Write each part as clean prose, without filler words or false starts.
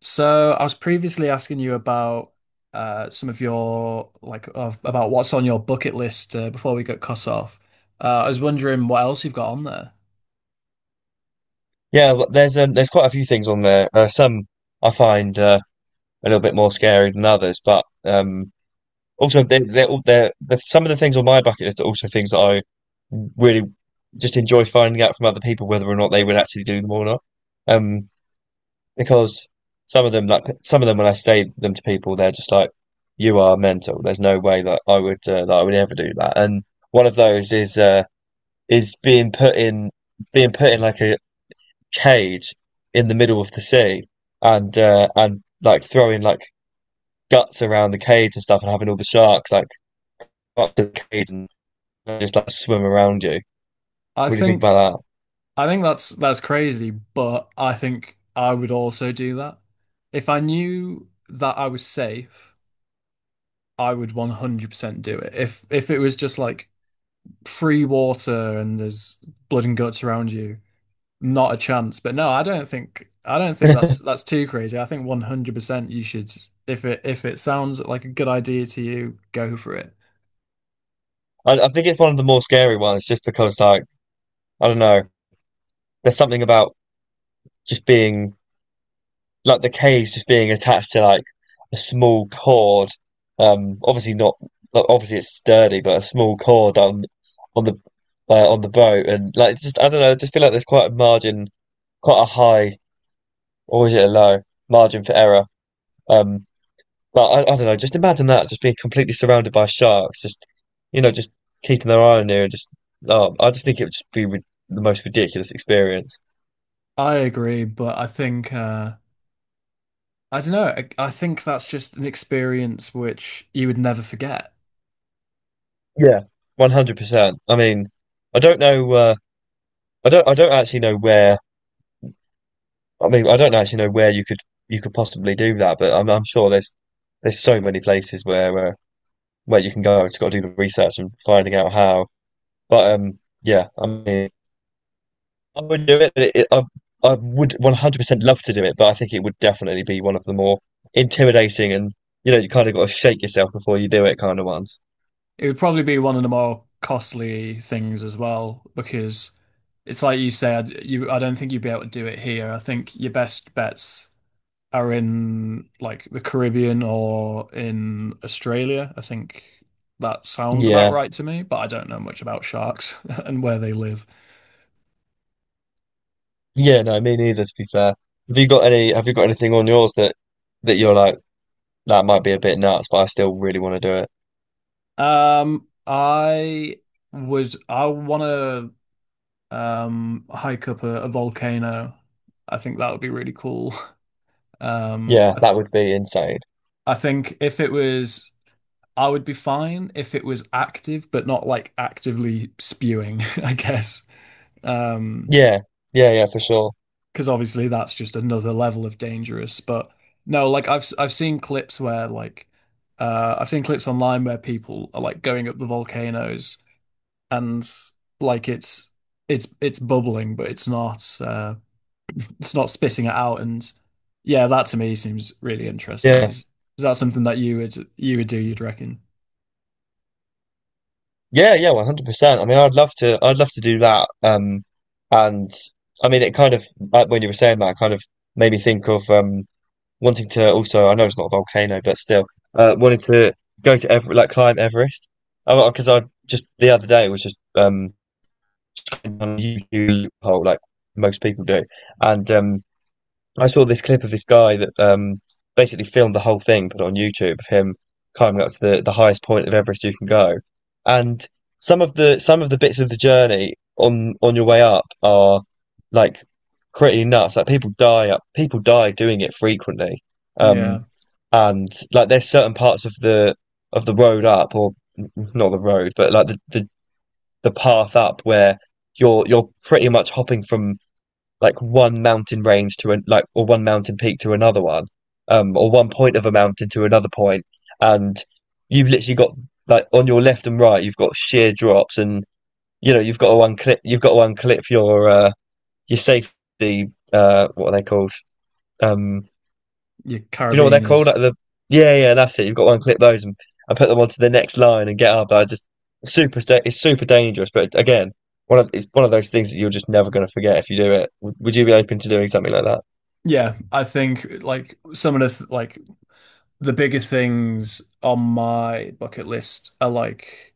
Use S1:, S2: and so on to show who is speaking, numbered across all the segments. S1: So I was previously asking you about some of your about what's on your bucket list before we got cut off. I was wondering what else you've got on there.
S2: Yeah, but there's quite a few things on there. Some I find a little bit more scary than others, but also they they're, all- they're some of the things on my bucket list are also things that I really just enjoy finding out from other people whether or not they would actually do them or not. Um, because some of them, like when I say them to people, they're just like, "You are mental. There's no way that I would ever do that." And one of those is being put in like a cage in the middle of the sea and like throwing like guts around the cage and stuff and having all the sharks like up the cage and just like swim around you.
S1: I
S2: What do you think
S1: think
S2: about
S1: I think that's crazy, but I think I would also do that. If I knew that I was safe, I would 100% do it. If it was just like free water and there's blood and guts around you, not a chance. But no, I don't think that's
S2: that?
S1: too crazy. I think 100% you should, if it sounds like a good idea to you, go for it.
S2: I think it's one of the more scary ones just because like I don't know, there's something about just being like the cage just being attached to like a small cord. Obviously not. Obviously it's sturdy, but a small cord on the on the boat, and like just I don't know. I just feel like there's quite a margin, quite a high, or is it a low margin for error? Um, but I don't know. Just imagine that just being completely surrounded by sharks, just keeping their eye on you, and just oh, I just think it would just be the most ridiculous experience.
S1: I agree, but I think I don't know. I think that's just an experience which you would never forget.
S2: Yeah, 100%. I mean, I don't know. I don't I don't actually know where I mean I don't actually know where you could possibly do that, but I'm sure there's so many places where you can go. Just got to do the research and finding out how. But yeah, I mean I would do it. I would 100% love to do it, but I think it would definitely be one of the more intimidating and you know you kind of got to shake yourself before you do it kind of ones.
S1: It would probably be one of the more costly things as well because it's like you said, you I don't think you'd be able to do it here. I think your best bets are in like the Caribbean or in Australia. I think that sounds about
S2: Yeah.
S1: right to me, but I don't know much about sharks and where they live.
S2: Yeah, no, me neither to be fair. Have you got anything on yours that that you're like that might be a bit nuts, but I still really want to do it?
S1: I would I want to hike up a volcano. I think that would be really cool. Um,
S2: Yeah,
S1: I th
S2: that would be insane.
S1: I think if it was, I would be fine if it was active, but not like actively spewing, I guess. Um,
S2: Yeah, yeah, yeah, for sure.
S1: because obviously that's just another level of dangerous. But no, like I've seen clips where like I've seen clips online where people are like going up the volcanoes, and like it's bubbling, but it's not spitting it out. And yeah, that to me seems really interesting.
S2: Yeah,
S1: Is that something that you would do, you'd reckon?
S2: yeah, yeah, 100%. I mean, I'd love to do that. And I mean, it kind of like when you were saying that, it kind of made me think of wanting to also. I know it's not a volcano, but still, wanting to go to Ever like climb Everest. Because I just the other day was just on YouTube hole like most people do, and I saw this clip of this guy that basically filmed the whole thing, put it on YouTube of him climbing up to the highest point of Everest you can go. And some of the bits of the journey on your way up are like pretty nuts. Like people die doing it frequently.
S1: Yeah,
S2: Um, and like there's certain parts of the road up, or not the road, but like the path up where you're pretty much hopping from like one mountain range to an like or one mountain peak to another one, or one point of a mountain to another point, and you've literally got like on your left and right, you've got sheer drops, and you know you've got to unclip your safety, what are they called? Um,
S1: your
S2: do you know what they're called?
S1: carabiners.
S2: Like the Yeah, yeah, that's it. You've got one clip those and put them onto the next line and get up. I just super, sta- It's super dangerous. But again, one of it's one of those things that you're just never going to forget if you do it. Would you be open to doing something like that?
S1: Yeah, I think like some of the th- like the bigger things on my bucket list are like,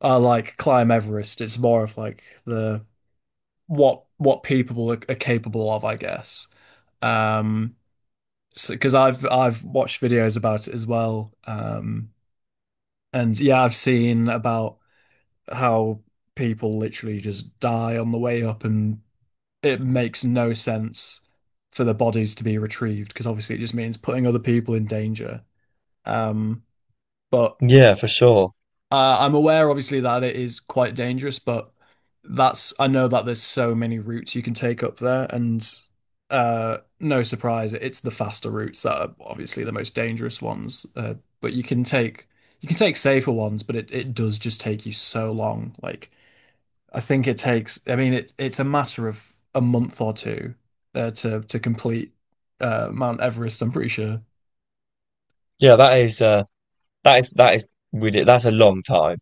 S1: are like climb Everest. It's more of like the what people are, capable of, I guess. Um, so because I've watched videos about it as well. And yeah, I've seen about how people literally just die on the way up, and it makes no sense for the bodies to be retrieved because obviously it just means putting other people in danger. Um, but
S2: Yeah, for sure.
S1: I'm aware, obviously, that it is quite dangerous, but that's I know that there's so many routes you can take up there, and no surprise, it's the faster routes that are obviously the most dangerous ones. But you can take safer ones, but it does just take you so long. Like I think it takes, I mean, it it's a matter of a month or two to complete Mount Everest. I'm pretty sure
S2: Yeah, that is ridiculous. That's a long time.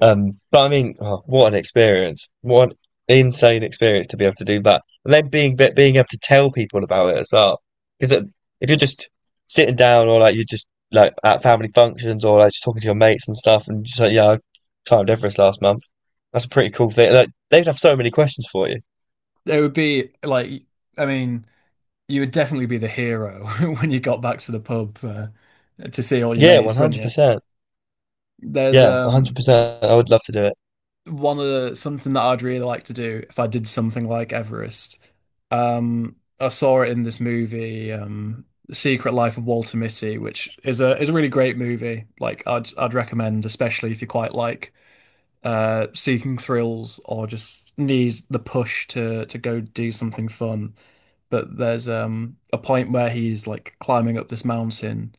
S2: But I mean, oh, what an experience! What an insane experience to be able to do that, and then being able to tell people about it as well. Because if you're just sitting down, or like you're just like at family functions, or like just talking to your mates and stuff, and just like, yeah, I climbed Everest last month. That's a pretty cool thing. Like they'd have so many questions for you.
S1: it would be like, I mean, you would definitely be the hero when you got back to the pub to see all your
S2: Yeah,
S1: mates,
S2: one
S1: wouldn't
S2: hundred
S1: you?
S2: percent.
S1: There's
S2: Yeah, one hundred percent. I would love to do it.
S1: one of the, something that I'd really like to do if I did something like Everest. I saw it in this movie, The Secret Life of Walter Mitty, which is a really great movie. Like I'd recommend, especially if you quite like seeking thrills or just need the push to go do something fun. But there's a point where he's like climbing up this mountain,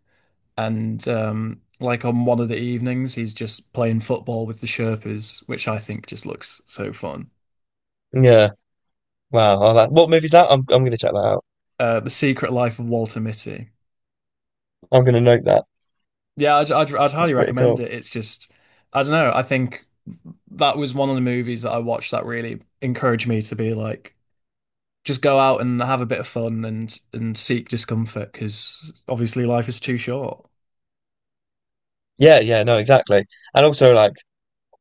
S1: and like on one of the evenings he's just playing football with the Sherpas, which I think just looks so fun.
S2: Yeah. Wow. I Like, what movie's that? I'm gonna check that out.
S1: The Secret Life of Walter Mitty.
S2: I'm gonna note that.
S1: Yeah, I'd
S2: That's
S1: highly
S2: pretty
S1: recommend
S2: cool.
S1: it. It's just, I don't know, I think that was one of the movies that I watched that really encouraged me to be like just go out and have a bit of fun and seek discomfort because obviously life is too short,
S2: Yeah. Yeah. No. Exactly. And also like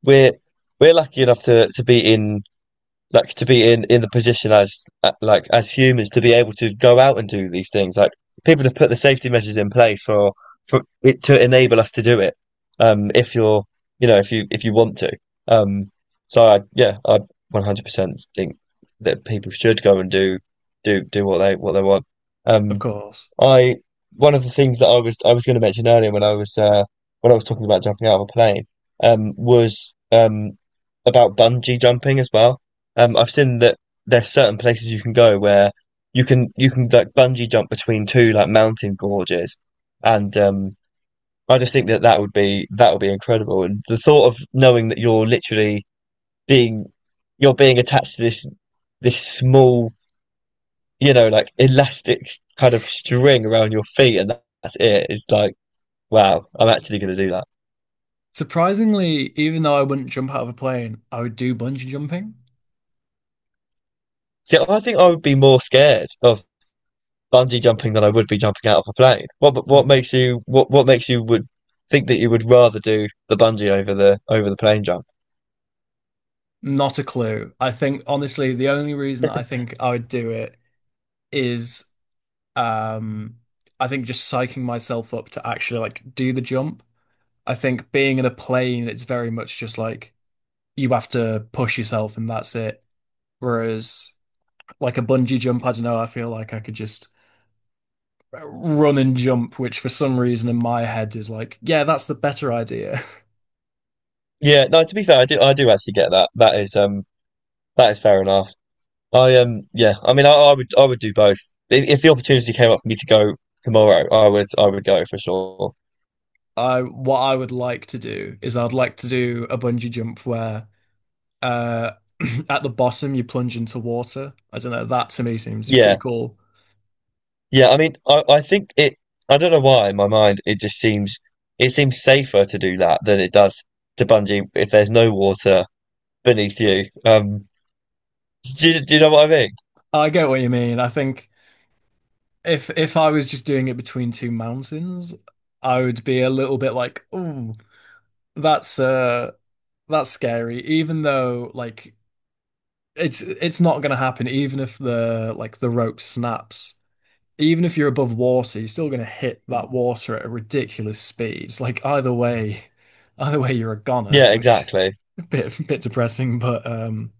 S2: we're we're lucky enough to be in the position as humans to be able to go out and do these things. Like people have put the safety measures in place for it to enable us to do it. If you're you know if you want to. Um, so I, yeah, I 100% think that people should go and do what they want.
S1: of
S2: Um,
S1: course.
S2: I one of the things that I was going to mention earlier when I was talking about jumping out of a plane was about bungee jumping as well. I've seen that there's certain places you can go where you can like bungee jump between two like mountain gorges, and I just think that that would be incredible. And the thought of knowing that you're literally being being attached to this small, like elastic kind of string around your feet, and that's it. It's like, wow, I'm actually going to do that.
S1: Surprisingly, even though I wouldn't jump out of a plane, I would do bungee jumping.
S2: See, I think I would be more scared of bungee jumping than I would be jumping out of a plane. What
S1: Mm.
S2: makes you what makes you would think that you would rather do the bungee over the plane jump?
S1: Not a clue. I think honestly, the only reason I think I would do it is, um I think just psyching myself up to actually like do the jump. I think being in a plane, it's very much just like you have to push yourself and that's it. Whereas like a bungee jump, I don't know, I feel like I could just run and jump, which for some reason in my head is like, yeah, that's the better idea.
S2: Yeah, no, to be fair, I do actually get that. That is fair enough. I Yeah, I mean I would do both. If the opportunity came up for me to go tomorrow, I would go for sure.
S1: I, what I would like to do is I'd like to do a bungee jump where uh at the bottom you plunge into water. I don't know, that to me seems
S2: Yeah,
S1: pretty cool.
S2: yeah, I mean, I think I don't know why in my mind it seems safer to do that than it does to bungee if there's no water beneath you. Do you know what I mean?
S1: I get what you mean. I think if I was just doing it between two mountains, I would be a little bit like, "Ooh, that's uh that's scary." Even though like it's not gonna happen even if the rope snaps. Even if you're above water, you're still going to hit that water at a ridiculous speed. It's like either way, you're a goner,
S2: Yeah,
S1: which
S2: exactly.
S1: a bit depressing, but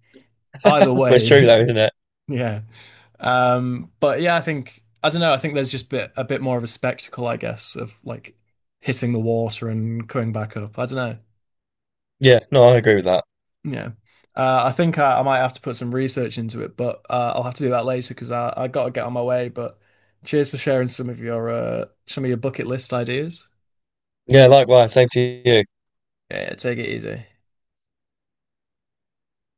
S1: either
S2: It's true
S1: way,
S2: though, isn't it?
S1: yeah. But yeah, I think I don't know. I think there's just bit more of a spectacle, I guess, of like hitting the water and coming back up. I don't know.
S2: Yeah, no, I agree with that.
S1: Yeah. I think I might have to put some research into it, but I'll have to do that later because I got to get on my way. But cheers for sharing some of your bucket list ideas.
S2: Yeah, likewise, same to you.
S1: Yeah, take it easy.